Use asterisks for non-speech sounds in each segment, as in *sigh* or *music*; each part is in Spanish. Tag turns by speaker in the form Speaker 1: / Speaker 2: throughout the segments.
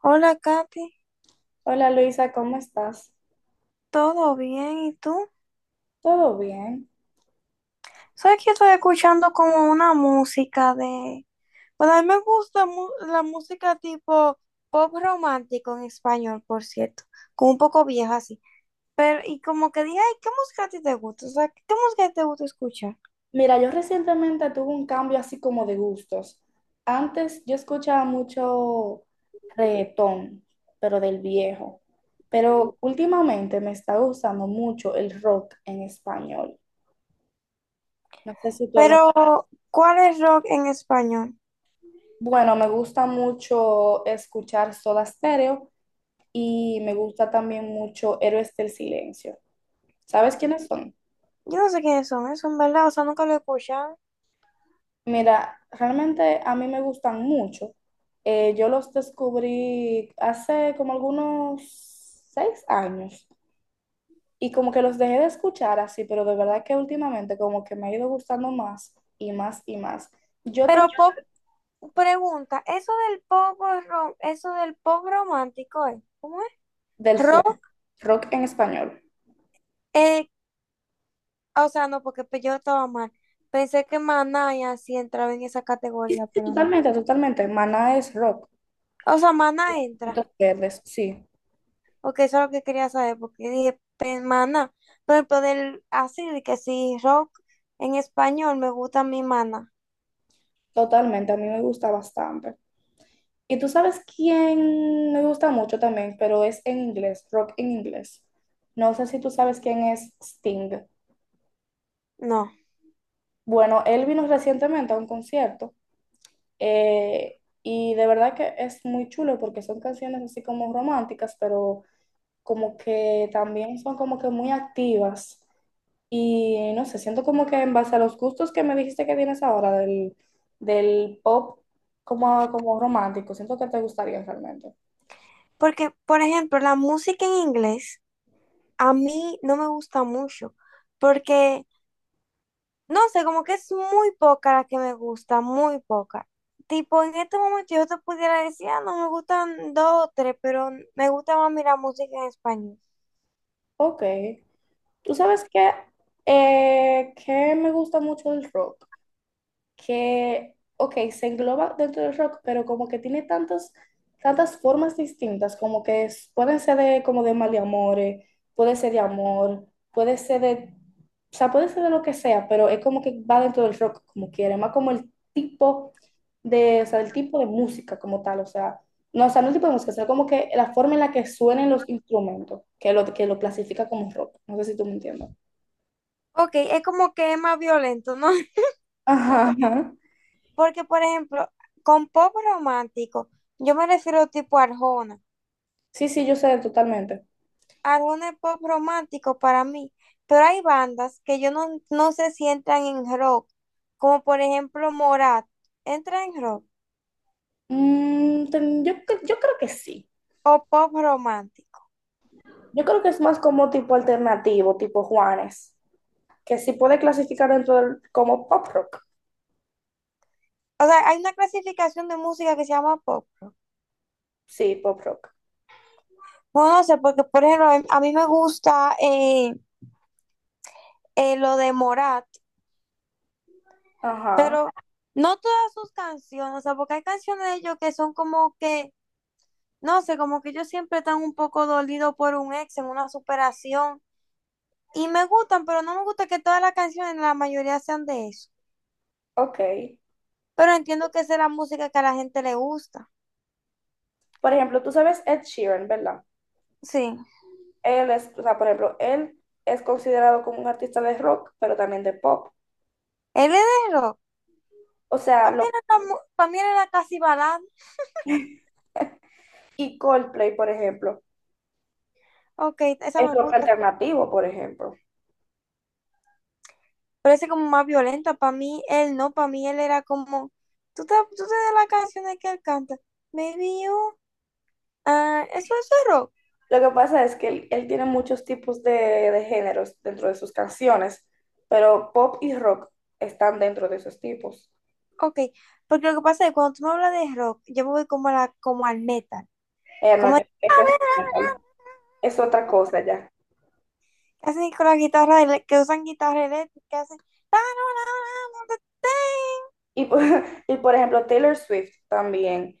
Speaker 1: Hola, Katy.
Speaker 2: Hola Luisa, ¿cómo estás?
Speaker 1: ¿Todo bien? ¿Y tú?
Speaker 2: ¿Todo bien?
Speaker 1: Sabes que estoy escuchando como una música de. Bueno, a mí me gusta la música tipo pop romántico en español, por cierto. Como un poco vieja así. Pero, y como que dije, ay, ¿qué música a ti te gusta? O sea, ¿qué música te gusta escuchar?
Speaker 2: Mira, yo recientemente tuve un cambio así como de gustos. Antes yo escuchaba mucho reggaetón, pero del viejo. Pero últimamente me está gustando mucho el rock en español. No sé si tú
Speaker 1: Pero, ¿cuál es rock en español?
Speaker 2: Bueno, me gusta mucho escuchar Soda Stereo y me gusta también mucho Héroes del Silencio. ¿Sabes quiénes son?
Speaker 1: Yo no sé quiénes son esos, ¿verdad? O sea, nunca lo he escuchado.
Speaker 2: Mira, realmente a mí me gustan mucho. Yo los descubrí hace como algunos 6 años y como que los dejé de escuchar así, pero de verdad que últimamente como que me ha ido gustando más y más y más. Yo te
Speaker 1: Pero yo pop,
Speaker 2: recomiendo
Speaker 1: pregunta, eso del pop romántico, ¿eh? ¿Cómo es?
Speaker 2: del sur,
Speaker 1: Rock,
Speaker 2: rock en español.
Speaker 1: eh, ah, o sea, no, porque yo estaba mal. Pensé que Maná y así entraba en esa
Speaker 2: Y
Speaker 1: categoría,
Speaker 2: sí,
Speaker 1: pero no.
Speaker 2: totalmente, totalmente. Maná es rock.
Speaker 1: O sea, Maná entra,
Speaker 2: Puntos verdes, sí,
Speaker 1: porque eso es lo que quería saber, porque dije, Maná, por ejemplo, del así, de que si rock en español me gusta mi Maná.
Speaker 2: totalmente. A mí me gusta bastante. Y tú sabes quién me gusta mucho también, pero es en inglés, rock en inglés. No sé si tú sabes quién es Sting.
Speaker 1: No,
Speaker 2: Bueno, él vino recientemente a un concierto, y de verdad que es muy chulo porque son canciones así como románticas, pero como que también son como que muy activas. Y no sé, siento como que en base a los gustos que me dijiste que tienes ahora del pop como romántico, siento que te gustaría realmente.
Speaker 1: porque, por ejemplo, la música en inglés a mí no me gusta mucho, porque no sé, como que es muy poca la que me gusta, muy poca. Tipo, en este momento yo te pudiera decir, ah, no me gustan dos o tres, pero me gusta más mirar música en español.
Speaker 2: Ok. Tú sabes que me gusta mucho el rock, que, ok, se engloba dentro del rock, pero como que tiene tantas, tantas formas distintas, como que pueden ser de, como de maleamores, puede ser de amor, puede ser de, o sea, puede ser de lo que sea, pero es como que va dentro del rock, como quiere, más como el tipo de, o sea, el tipo de música como tal, o sea, no el tipo de música, sino como que la forma en la que suenen los instrumentos, que lo clasifica como rock, no sé si tú me entiendes.
Speaker 1: Ok, es como que es más violento, ¿no? *laughs* sea,
Speaker 2: Ajá, ajá.
Speaker 1: Porque, por ejemplo, con pop romántico, yo me refiero tipo a Arjona.
Speaker 2: Sí, sí, yo sé totalmente.
Speaker 1: Arjona es pop romántico para mí, pero hay bandas que yo no, no sé si entran en rock, como por ejemplo Morat, entra en rock
Speaker 2: Yo creo que sí.
Speaker 1: o pop romántico.
Speaker 2: Yo creo que es más como tipo alternativo, tipo Juanes, que sí puede clasificar dentro del, como pop rock.
Speaker 1: O sea, hay una clasificación de música que se llama pop rock.
Speaker 2: Sí, pop rock.
Speaker 1: No, no sé, porque por ejemplo, a mí me gusta lo de Morat,
Speaker 2: Ajá,
Speaker 1: pero no todas sus canciones, o sea, porque hay canciones de ellos que son como que, no sé, como que ellos siempre están un poco dolidos por un ex en una superación. Y me gustan, pero no me gusta que todas las canciones, la mayoría sean de eso.
Speaker 2: ok.
Speaker 1: Pero entiendo que esa es la música que a la gente le gusta.
Speaker 2: Por ejemplo, tú sabes Ed Sheeran, ¿verdad?
Speaker 1: Sí.
Speaker 2: Él es, o sea, por ejemplo, él es considerado como un artista de rock, pero también de pop.
Speaker 1: Él es de rock.
Speaker 2: O sea,
Speaker 1: Para mí era, la mu- pa' mí era casi balada.
Speaker 2: y Coldplay, por ejemplo,
Speaker 1: Ok, esa
Speaker 2: es
Speaker 1: me
Speaker 2: rock
Speaker 1: gusta.
Speaker 2: alternativo, por ejemplo.
Speaker 1: Parece como más violenta. Para mí, él no, para mí él era como, tú te das las canciones que él canta, Maybe You, ah, eso es rock,
Speaker 2: Lo que pasa es que él tiene muchos tipos de géneros dentro de sus canciones, pero pop y rock están dentro de esos tipos.
Speaker 1: ok, porque lo que pasa es que cuando tú me hablas de rock, yo me voy como, a la, como al metal,
Speaker 2: Ella
Speaker 1: como
Speaker 2: no,
Speaker 1: el-
Speaker 2: eso es otra cosa ya.
Speaker 1: que hacen con la guitarra, ele- que usan guitarra eléctrica, que hacen,
Speaker 2: Y, por- *laughs* y por ejemplo, Taylor Swift también,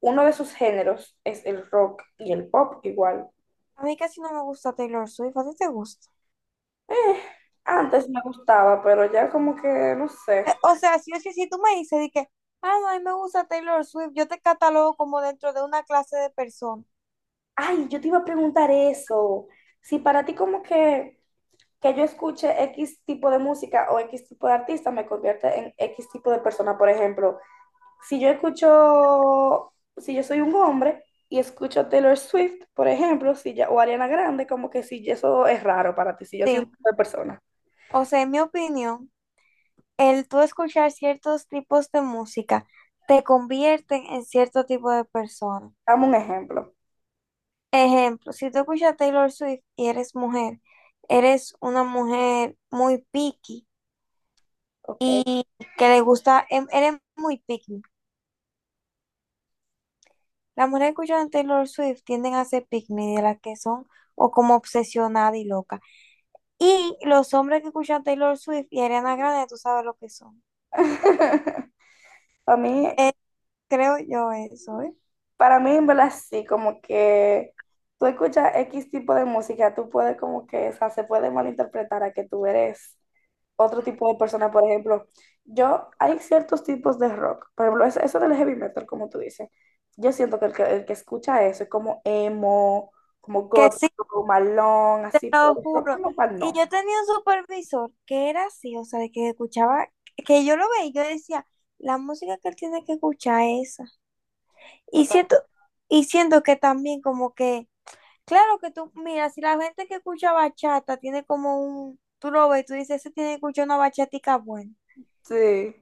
Speaker 2: uno de sus géneros es el rock y el pop igual.
Speaker 1: a mí casi no me gusta Taylor Swift, ¿a ti te gusta?
Speaker 2: Eh, Antes me gustaba, pero ya como que no sé.
Speaker 1: O sea, si tú me dices de que, ah, no, a mí me gusta Taylor Swift, yo te catalogo como dentro de una clase de personas.
Speaker 2: Ay, yo te iba a preguntar eso. Si para ti como que yo escuche X tipo de música o X tipo de artista me convierte en X tipo de persona. Por ejemplo, si yo escucho, si yo soy un hombre y escucho Taylor Swift, por ejemplo, si ya, o Ariana Grande, como que si eso es raro para ti, si yo soy un
Speaker 1: Sí.
Speaker 2: tipo de persona.
Speaker 1: O sea, en mi opinión, el tú escuchar ciertos tipos de música te convierten en cierto tipo de persona.
Speaker 2: Dame un ejemplo,
Speaker 1: Ejemplo, si tú escuchas Taylor Swift y eres mujer, eres una mujer muy picky,
Speaker 2: ¿ok?
Speaker 1: que le gusta, eres muy picky. Las mujeres que escuchan Taylor Swift tienden a ser picky, de las que son o como obsesionada y loca. Y los hombres que escuchan Taylor Swift y Ariana Grande, tú sabes lo que son.
Speaker 2: *laughs* Para mí,
Speaker 1: Eh, creo yo eso, ¿eh?
Speaker 2: Para mí, en verdad, sí, como que tú escuchas X tipo de música, tú puedes como que, o sea, se puede malinterpretar a que tú eres otro tipo de persona. Por ejemplo, yo, hay ciertos tipos de rock, por ejemplo, eso del heavy metal, como tú dices, yo siento que el que escucha eso es como emo, como
Speaker 1: Que
Speaker 2: gótico, malón,
Speaker 1: Te
Speaker 2: así, pero
Speaker 1: lo
Speaker 2: el rock
Speaker 1: juro.
Speaker 2: como tal,
Speaker 1: Y
Speaker 2: no.
Speaker 1: yo tenía un supervisor que era así, o sea, de que escuchaba, que yo lo veía y yo decía, la música que él tiene que escuchar es esa. Y
Speaker 2: Total.
Speaker 1: siento, y siento que también como que, claro que tú, mira, si la gente que escucha bachata tiene como un, tú lo ves, tú dices, ese tiene que escuchar una bachatica buena.
Speaker 2: Sí,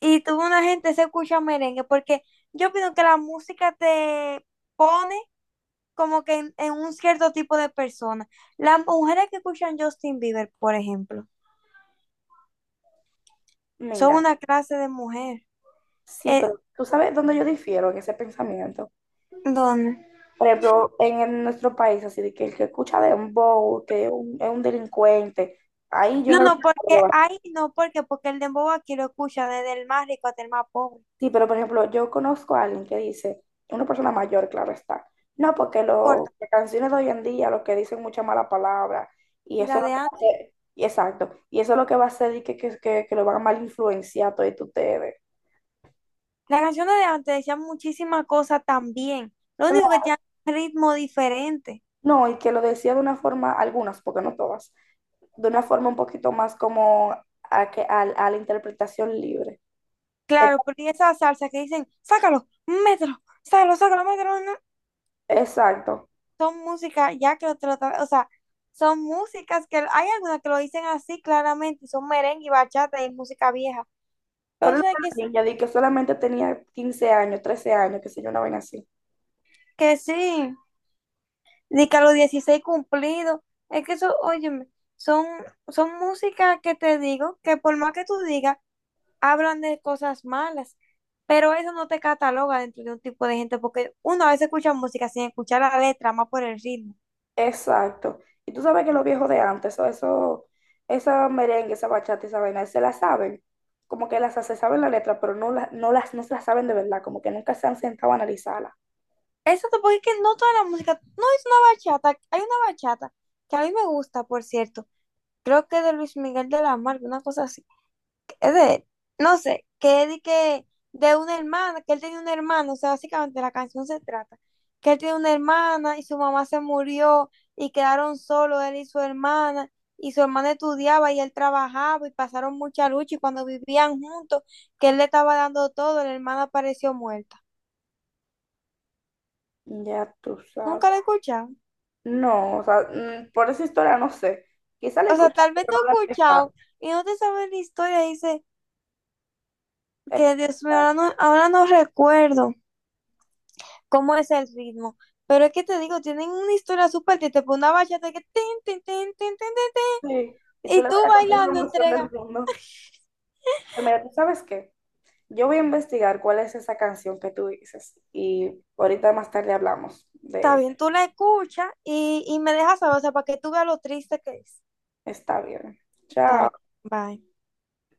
Speaker 1: Y tú una gente se escucha merengue, porque yo opino que la música te pone como que en un cierto tipo de persona. Las mujeres que escuchan Justin Bieber, por ejemplo. Son
Speaker 2: mira,
Speaker 1: una clase de mujer.
Speaker 2: sí,
Speaker 1: Eh,
Speaker 2: pero tú sabes dónde yo difiero en ese pensamiento.
Speaker 1: ¿Dónde?
Speaker 2: Por ejemplo, en nuestro país, así de que el que escucha dembow, que es un delincuente, ahí yo
Speaker 1: No,
Speaker 2: realmente
Speaker 1: no,
Speaker 2: no
Speaker 1: porque
Speaker 2: lo veo.
Speaker 1: hay, no, porque el dembow aquí lo escucha desde el más rico hasta el más pobre.
Speaker 2: Sí, pero por ejemplo, yo conozco a alguien que dice, una persona mayor, claro está, no, porque
Speaker 1: Corta.
Speaker 2: las canciones de hoy en día, lo que dicen mucha mala palabra, y
Speaker 1: Y
Speaker 2: eso
Speaker 1: la
Speaker 2: es lo
Speaker 1: de
Speaker 2: que va a
Speaker 1: antes.
Speaker 2: hacer, y exacto, y eso es lo que va a hacer y que lo van a mal influenciar a todos ustedes.
Speaker 1: Las canciones de antes decían muchísimas cosas también. Lo único que
Speaker 2: Claro,
Speaker 1: tenían ritmo diferente.
Speaker 2: no, y que lo decía de una forma, algunas, porque no todas, de una forma un poquito más como a, que, a la interpretación libre.
Speaker 1: Claro, pero y esa salsa que dicen, sácalo, mételo, sácalo, sácalo, mételo, no",
Speaker 2: Exacto.
Speaker 1: son músicas, ya que lo, te lo o sea, son músicas que hay algunas que lo dicen así claramente, y son merengue y bachata y música vieja.
Speaker 2: Pero
Speaker 1: Entonces,
Speaker 2: una
Speaker 1: que,
Speaker 2: niña de que solamente tenía 15 años, 13 años, que sé yo, una vaina así.
Speaker 1: que sí. Ni que a los 16 cumplidos. Es que eso, óyeme, son, son, músicas que te digo que por más que tú digas, hablan de cosas malas, pero eso no te cataloga dentro de un tipo de gente, porque uno a veces escucha música sin escuchar la letra, más por el ritmo.
Speaker 2: Exacto. Y tú sabes que los viejos de antes, eso, esa merengue, esa bachata, esa vaina, se la saben. Como que las se saben la letra, pero no, no las no se las saben de verdad, como que nunca se han sentado a analizarla.
Speaker 1: Eso te- porque es que no toda la música, no es una bachata, hay una bachata que a mí me gusta, por cierto, creo que de Luis Miguel de la Mar, una cosa así. Es de, no sé, que de una hermana, que él tenía una hermana, o sea, básicamente la canción se trata, que él tiene una hermana y su mamá se murió y quedaron solos él y su hermana estudiaba y él trabajaba y pasaron mucha lucha y cuando vivían juntos, que él le estaba dando todo, la hermana apareció muerta.
Speaker 2: Ya tú sabes.
Speaker 1: Nunca la he escuchado.
Speaker 2: No, o sea, por esa historia no sé. Quizá la
Speaker 1: O sea,
Speaker 2: escuché,
Speaker 1: tal vez te
Speaker 2: pero
Speaker 1: he
Speaker 2: no la he.
Speaker 1: escuchado y no te sabes la historia, dice que Dios mío,
Speaker 2: Exacto.
Speaker 1: ahora no recuerdo cómo es el ritmo. Pero es que te digo, tienen una historia súper triste, pues una bachata que tin, tin, tin, tin, tin, tin,
Speaker 2: Sí. Y
Speaker 1: tin,
Speaker 2: tú
Speaker 1: y
Speaker 2: le vas
Speaker 1: tú
Speaker 2: a contar la
Speaker 1: bailando
Speaker 2: emoción del
Speaker 1: entrega.
Speaker 2: mundo. Pero mira, ¿tú sabes qué? Yo voy a investigar cuál es esa canción que tú dices. Y ahorita más tarde hablamos de
Speaker 1: Está
Speaker 2: eso.
Speaker 1: bien, tú la escuchas y me dejas saber, o sea, para que tú veas lo triste que es.
Speaker 2: Está bien.
Speaker 1: Está
Speaker 2: Chao.
Speaker 1: bien, bye.